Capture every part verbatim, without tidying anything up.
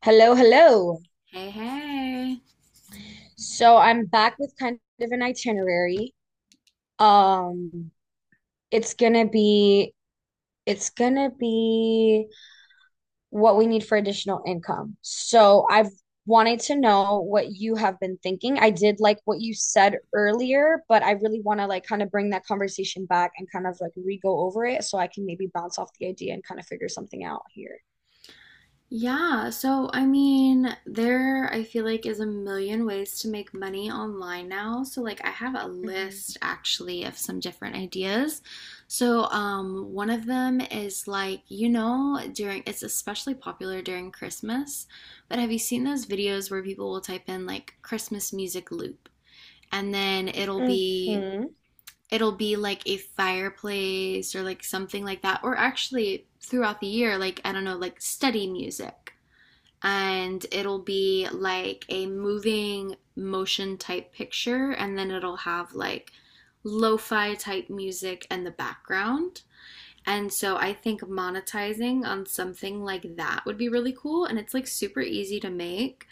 Hello, hello. Hey, hey. So I'm back with kind of an itinerary. Um, it's gonna be it's gonna be what we need for additional income. So I've wanted to know what you have been thinking. I did like what you said earlier, but I really want to like kind of bring that conversation back and kind of like re-go over it so I can maybe bounce off the idea and kind of figure something out here. Yeah, so I mean, there I feel like is a million ways to make money online now. So like I have a Hmm. list actually of some different ideas. So um one of them is like, you know, during it's especially popular during Christmas, but have you seen those videos where people will type in like Christmas music loop, and then it'll be Mm-hmm. it'll be like a fireplace or like something like that, or actually throughout the year, like I don't know, like study music, and it'll be like a moving motion type picture, and then it'll have like lo-fi type music in the background? And so I think monetizing on something like that would be really cool. And it's like super easy to make.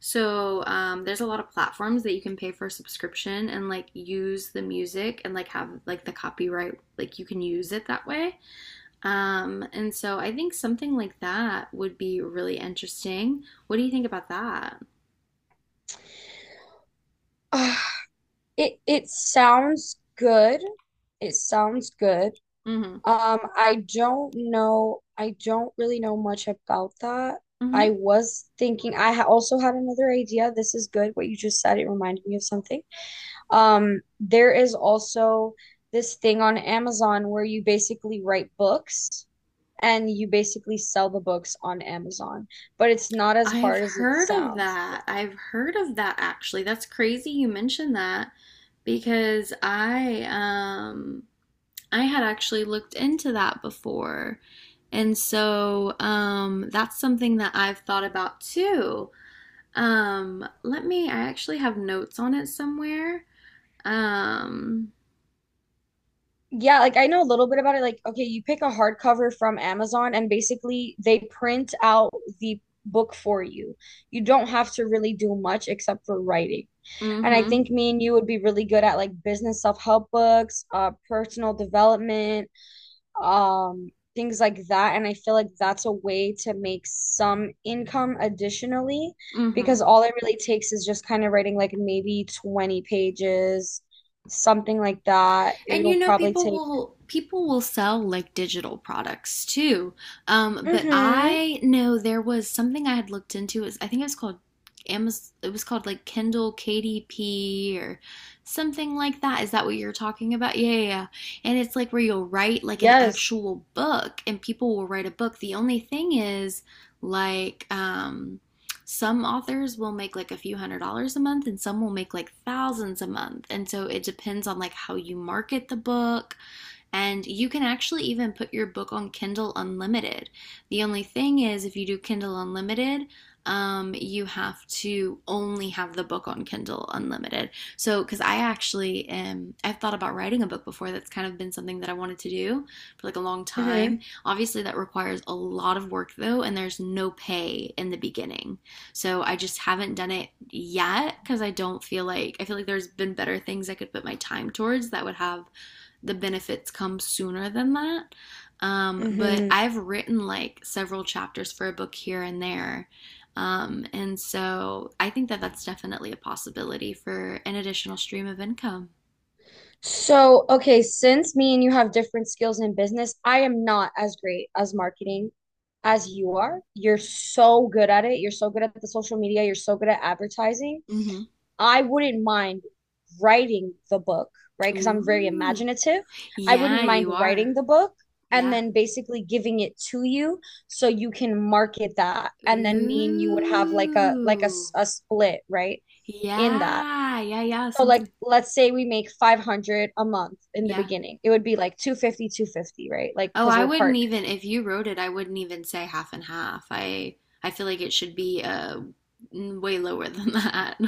So um, there's a lot of platforms that you can pay for a subscription and like use the music and like have like the copyright, like you can use it that way. Um, and so I think something like that would be really interesting. What do you think about that? it it sounds good. It sounds good. Mm-hmm. Um, I don't know. I don't really know much about that. Mm-hmm. I was thinking, I ha also had another idea. This is good. What you just said, it reminded me of something. Um, there is also this thing on Amazon where you basically write books and you basically sell the books on Amazon, but it's not as I've hard as it heard of sounds. that. I've heard of that actually. That's crazy you mentioned that because I um I had actually looked into that before. And so um, that's something that I've thought about too. Um, let me, I actually have notes on it somewhere. Um, Yeah, like I know a little bit about it. Like, okay, you pick a hardcover from Amazon, and basically they print out the book for you. You don't have to really do much except for writing. mm And I hmm, think me and you would be really good at like business self-help books, uh, personal development, um, things like that. And I feel like that's a way to make some income additionally, mm hmm. because all it really takes is just kind of writing like maybe twenty pages, something like that. And you It'll know, probably people take will people will sell like digital products too. Um, but Mm-hmm. I know there was something I had looked into. It was, I think it was called Amazon. It was called like Kindle K D P or something like that. Is that what you're talking about? Yeah, yeah, yeah. And it's like where you'll write like an Yes. actual book, and people will write a book. The only thing is, like, um some authors will make like a few hundred dollars a month, and some will make like thousands a month. And so it depends on like how you market the book, and you can actually even put your book on Kindle Unlimited. The only thing is, if you do Kindle Unlimited, um, you have to only have the book on Kindle Unlimited. So, because I actually am, I've thought about writing a book before. That's kind of been something that I wanted to do for like a long time. Mm-hmm. Obviously, that requires a lot of work though, and there's no pay in the beginning. So, I just haven't done it yet because I don't feel like, I feel like there's been better things I could put my time towards that would have the benefits come sooner than that. Um, but Mm-hmm. I've written like several chapters for a book here and there. Um, and so I think that that's definitely a possibility for an additional stream of income. So, okay, since me and you have different skills in business, I am not as great as marketing as you are. You're so good at it. You're so good at the social media. You're so good at advertising. Hmm. I wouldn't mind writing the book, right? Because I'm very Ooh. imaginative. I Yeah, wouldn't mind you are. writing the book and Yeah. then basically giving it to you so you can market that. And then me and you would have like a like a, Ooh. s- a split, right? In that. Yeah. Yeah. Yeah. So like Something. let's say we make five hundred a month in the Yeah. beginning. It would be like two fifty, two fifty, right? Like Oh, cuz I we're wouldn't, even partners. if you wrote it, I wouldn't even say half and half. I I feel like it should be uh way lower than that.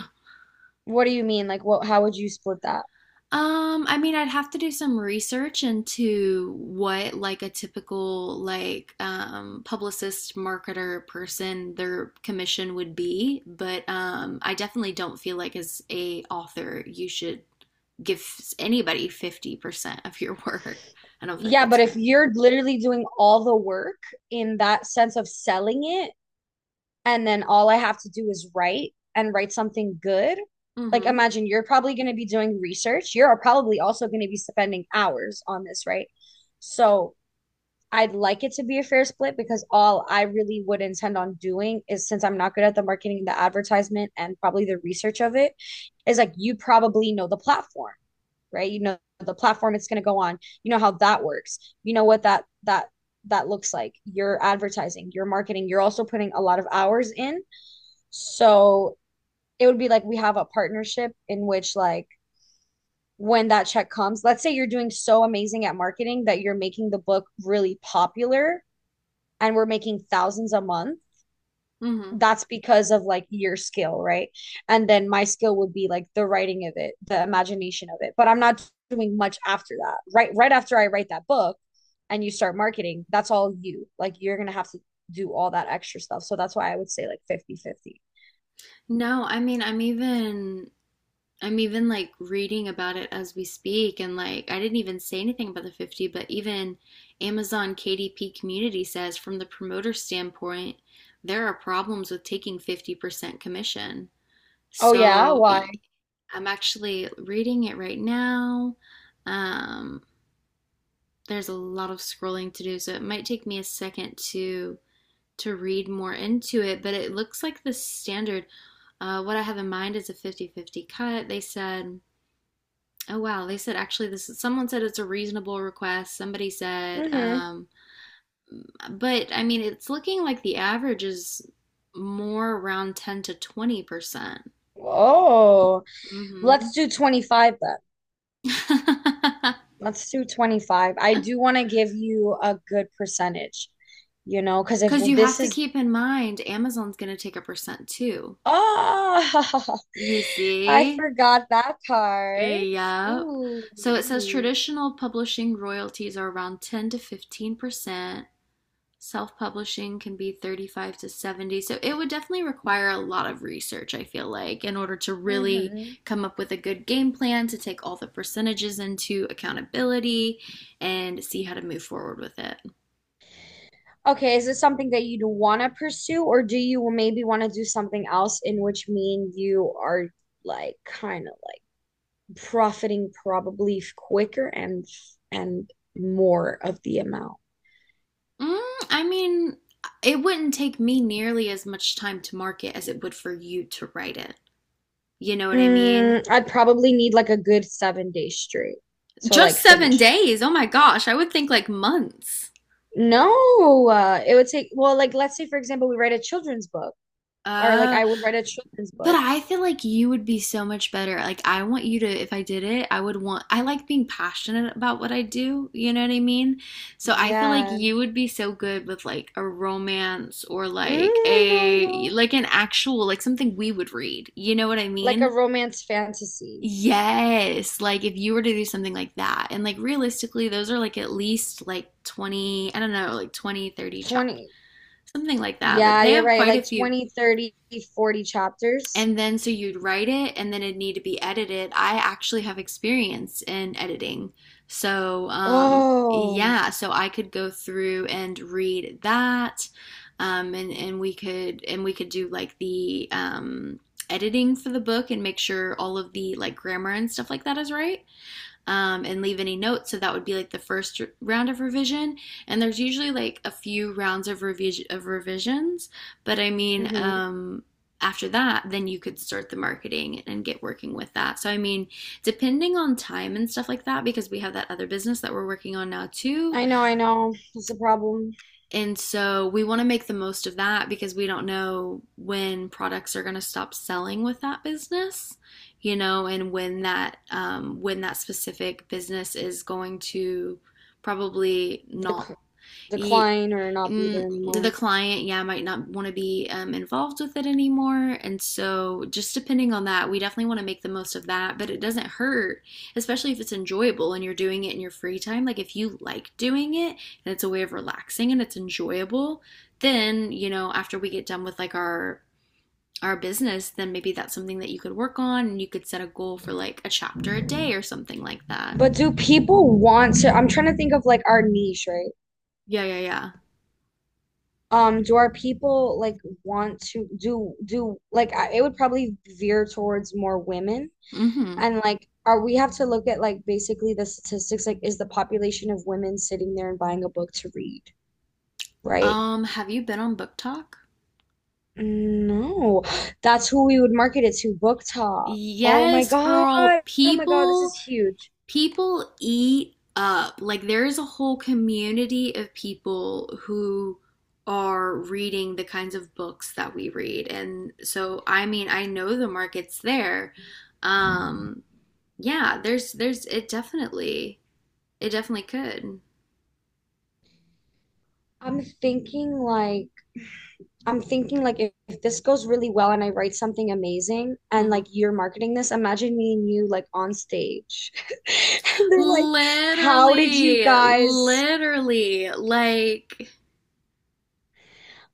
What do you mean? Like what how would you split that? Um, I mean, I'd have to do some research into what like a typical like um publicist, marketer person their commission would be, but um I definitely don't feel like as a author you should give anybody fifty percent of your work. I don't feel like Yeah, that's but if fair. you're literally doing all the work in that sense of selling it and then all I have to do is write and write something good, like Mm-hmm. imagine you're probably going to be doing research. You're probably also going to be spending hours on this, right? So I'd like it to be a fair split because all I really would intend on doing is since I'm not good at the marketing, the advertisement, and probably the research of it, is like you probably know the platform, right? You know the platform it's going to go on. You know how that works. You know what that that that looks like. You're advertising, you're marketing, you're also putting a lot of hours in. So it would be like we have a partnership in which like when that check comes, let's say you're doing so amazing at marketing that you're making the book really popular and we're making thousands a month, Mm-hmm. that's because of like your skill, right? And then my skill would be like the writing of it, the imagination of it. But I'm not doing much after that. Right right after I write that book and you start marketing, that's all you. Like you're going to have to do all that extra stuff. So that's why I would say like fifty-fifty. No, I mean, I'm even I'm even like reading about it as we speak, and like I didn't even say anything about the fifty, but even Amazon K D P community says from the promoter standpoint, there are problems with taking fifty percent commission. Oh yeah, So why? i I'm actually reading it right now. Um, there's a lot of scrolling to do, so it might take me a second to to read more into it, but it looks like the standard. Uh, what I have in mind is a fifty-fifty cut. They said, "Oh wow," they said actually, this is, someone said, it's a reasonable request. Somebody said Mhm. um but I mean it's looking like the average is more around ten to twenty percent. Oh, let's Mhm. do twenty-five then. Let's do twenty-five. I do want to give you a good percentage, you know, because if Cuz you have this to is keep in mind Amazon's going to take a percent too. Oh, You I see? forgot that part. Yep. Ooh, So it says ooh. traditional publishing royalties are around ten to fifteen percent. Self-publishing can be thirty-five to seventy, so it would definitely require a lot of research, I feel like, in order to really Hmm. come up with a good game plan to take all the percentages into accountability and see how to move forward with it. Okay, is this something that you'd want to pursue, or do you maybe want to do something else in which me and you are like kind of like profiting probably f- quicker and and more of the amount? mm, I mean, it wouldn't take me nearly as much time to market as it would for you to write it, you know what I mean? Mm, I'd probably need like a good seven days straight. So like Just seven finish. days Oh my gosh, I would think like months. No, uh, it would take, well, like let's say for example, we write a children's book. Or like uh I would write a children's But book. I feel like you would be so much better. Like, I want you to, if I did it, I would want, I like being passionate about what I do. You know what I mean? So I feel like Yeah. you would be so good with like a romance, or Mm, like I know, I a, know. like an actual, like something we would read. You know what I Like a mean? romance fantasy. Yes. Like, if you were to do something like that. And like, realistically, those are like at least like twenty, I don't know, like twenty thirty 30 chapters, twenty. something like that. Like, Yeah, they you're have right. quite a Like few. twenty, thirty, forty chapters. And then so you'd write it, and then it'd need to be edited. I actually have experience in editing. So, um, Oh. yeah, so I could go through and read that. Um, and, and we could and we could do like the um, editing for the book, and make sure all of the like grammar and stuff like that is right, um, and leave any notes. So that would be like the first round of revision. And there's usually like a few rounds of revision of revisions. But I mean, Hmm. um, after that, then you could start the marketing and get working with that. So, I mean, depending on time and stuff like that, because we have that other business that we're working on now too, I know, I know. That's the problem. and so we want to make the most of that because we don't know when products are going to stop selling with that business, you know, and when that um, when that specific business is going to probably not, Dec he, decline or not be there mm, the anymore. client, yeah, might not want to be um, involved with it anymore. And so, just depending on that, we definitely want to make the most of that. But it doesn't hurt, especially if it's enjoyable and you're doing it in your free time. Like, if you like doing it and it's a way of relaxing and it's enjoyable, then, you know, after we get done with like our our business, then maybe that's something that you could work on, and you could set a goal for like a chapter a day or something like that. But do people want to? I'm trying to think of like our niche, right? Yeah, yeah, yeah. Um, do our people like want to do do like I, it would probably veer towards more women. Mhm. And like, are we have to look at like basically the statistics? Like, is the population of women sitting there and buying a book to read, right? Um, have you been on Book Talk? No, that's who we would market it to, Book Talk. Oh my Yes, God. girl. Oh my God, this is People huge. people eat up. Like there is a whole community of people who are reading the kinds of books that we read. And so I mean, I know the market's there. Um yeah, there's there's it definitely it definitely could. I'm thinking like I'm thinking like if, if this goes really well and I write something amazing and Mhm. like you're marketing this, imagine me and you like on stage. And they're like, "How did you Literally, guys literally, like,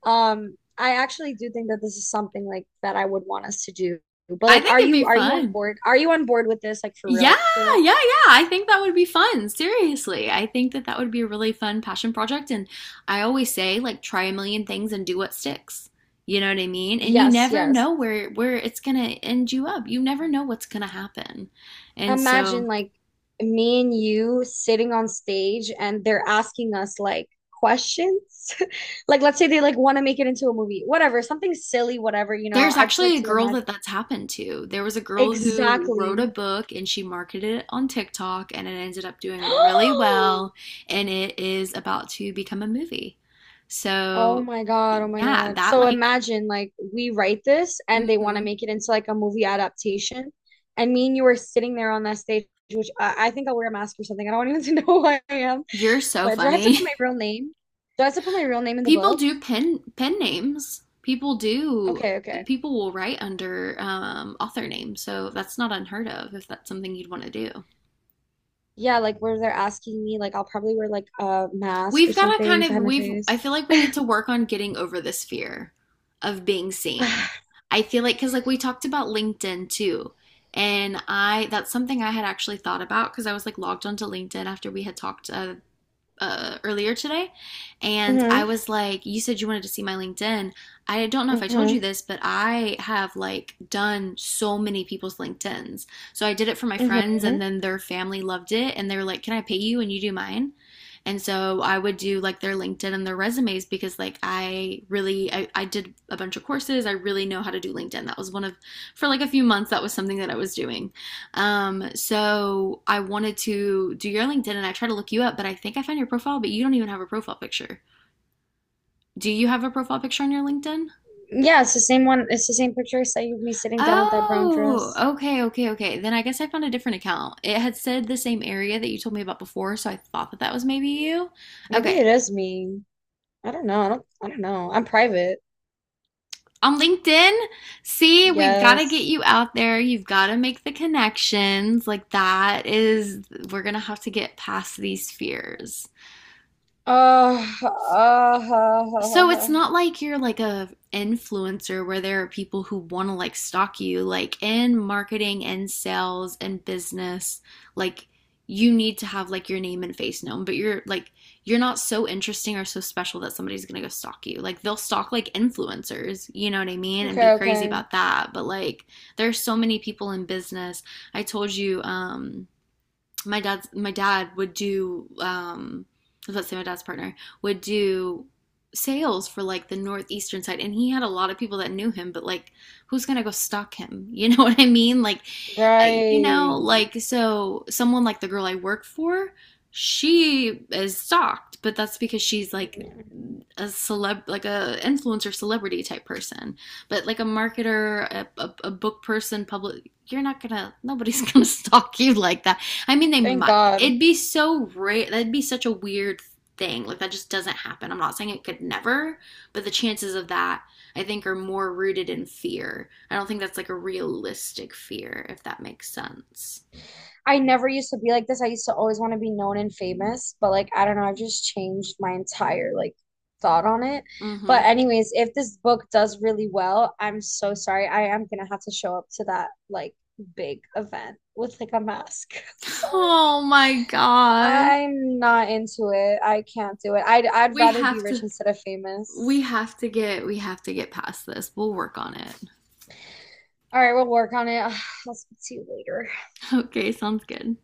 Um, I actually do think that this is something like that I would want us to do. But I like, think are it'd be you are you on fun. board? Are you on board with this? Like for Yeah, real, for real? yeah, yeah. I think that would be fun. Seriously. I think that that would be a really fun passion project. And I always say, like, try a million things and do what sticks. You know what I mean? And you Yes, never yes. know where where it's gonna end you up. You never know what's gonna happen. And so Imagine like me and you sitting on stage and they're asking us like questions. Like let's say they like want to make it into a movie, whatever, something silly, whatever, you know. there's I just like actually a to girl imagine. that that's happened to. There was a girl who wrote a Exactly. book and she marketed it on TikTok, and it ended up doing really well, and it is about to become a movie. Oh So, my God, oh my yeah, God. that So like, imagine like we write this and they want to hmm. make it into like a movie adaptation. And me and you are sitting there on that stage, which I, I think I'll wear a mask or something. I don't even to know who I am. You're so But do I have to funny. put my real name? Do I have to put my real name in the People book? do pen pen names. People do Okay, okay. people will write under um, author names. So that's not unheard of if that's something you'd want to do. Yeah, like where they're asking me, like I'll probably wear like a mask or We've got to kind something to of hide my we've I face. feel like we need to work on getting over this fear of being seen. I feel like because like we talked about LinkedIn too. And I, that's something I had actually thought about because I was like logged onto LinkedIn after we had talked, uh, uh, earlier today, and Hmm. I was like, "You said you wanted to see my LinkedIn. I don't know if I told you Hmm. this, but I have like done so many people's LinkedIn's." So I did it for my friends, Hmm. and then their family loved it, and they were like, "Can I pay you and you do mine?" And so I would do like their LinkedIn and their resumes because like I really I, I did a bunch of courses. I really know how to do LinkedIn. That was one of for like a few months that was something that I was doing. Um, so I wanted to do your LinkedIn and I tried to look you up, but I think I found your profile, but you don't even have a profile picture. Do you have a profile picture on your LinkedIn? Yeah, it's the same one. It's the same picture I sent you of me sitting down with that brown Oh, dress. okay, okay, okay. Then I guess I found a different account. It had said the same area that you told me about before, so I thought that that was maybe you. Maybe Okay. it is me. I don't know. I don't I don't know. I'm private. On LinkedIn, see, we've got to get Yes. you out there. You've got to make the connections. Like, that is, we're going to have to get past these fears. Uh, So uh, it's not like you're like a influencer where there are people who want to like stalk you, like in marketing and sales and business, like you need to have like your name and face known, but you're like you're not so interesting or so special that somebody's going to go stalk you. Like they'll stalk like influencers, you know what I mean, and be okay, crazy okay. about that. But like there's so many people in business. I told you um my dad's my dad would do um let's say my dad's partner would do sales for like the northeastern side, and he had a lot of people that knew him, but like who's gonna go stalk him? You know what I mean? Like, I, you know Right. like so someone like the girl I work for, she is stalked, but that's because she's like Yeah. a celeb, like a influencer celebrity type person. But like a marketer, a, a, a book person, public, you're not gonna, nobody's gonna stalk you like that. I mean, they Thank might. God. It'd be so rare. That'd be such a weird thing. Like that just doesn't happen. I'm not saying it could never, but the chances of that I think are more rooted in fear. I don't think that's like a realistic fear, if that makes sense. I never used to be like this. I used to always want to be known and famous, but like I don't know, I've just changed my entire like thought on it. Mm-hmm. But anyways, if this book does really well, I'm so sorry. I am gonna have to show up to that like big event with like a mask. Sorry. Oh my god. I'm not into it. I can't do it. I'd I'd We rather be have rich to instead of we famous. have to get we have to get past this. We'll work on it. All right, we'll work on it. I'll speak to you later. Okay, sounds good.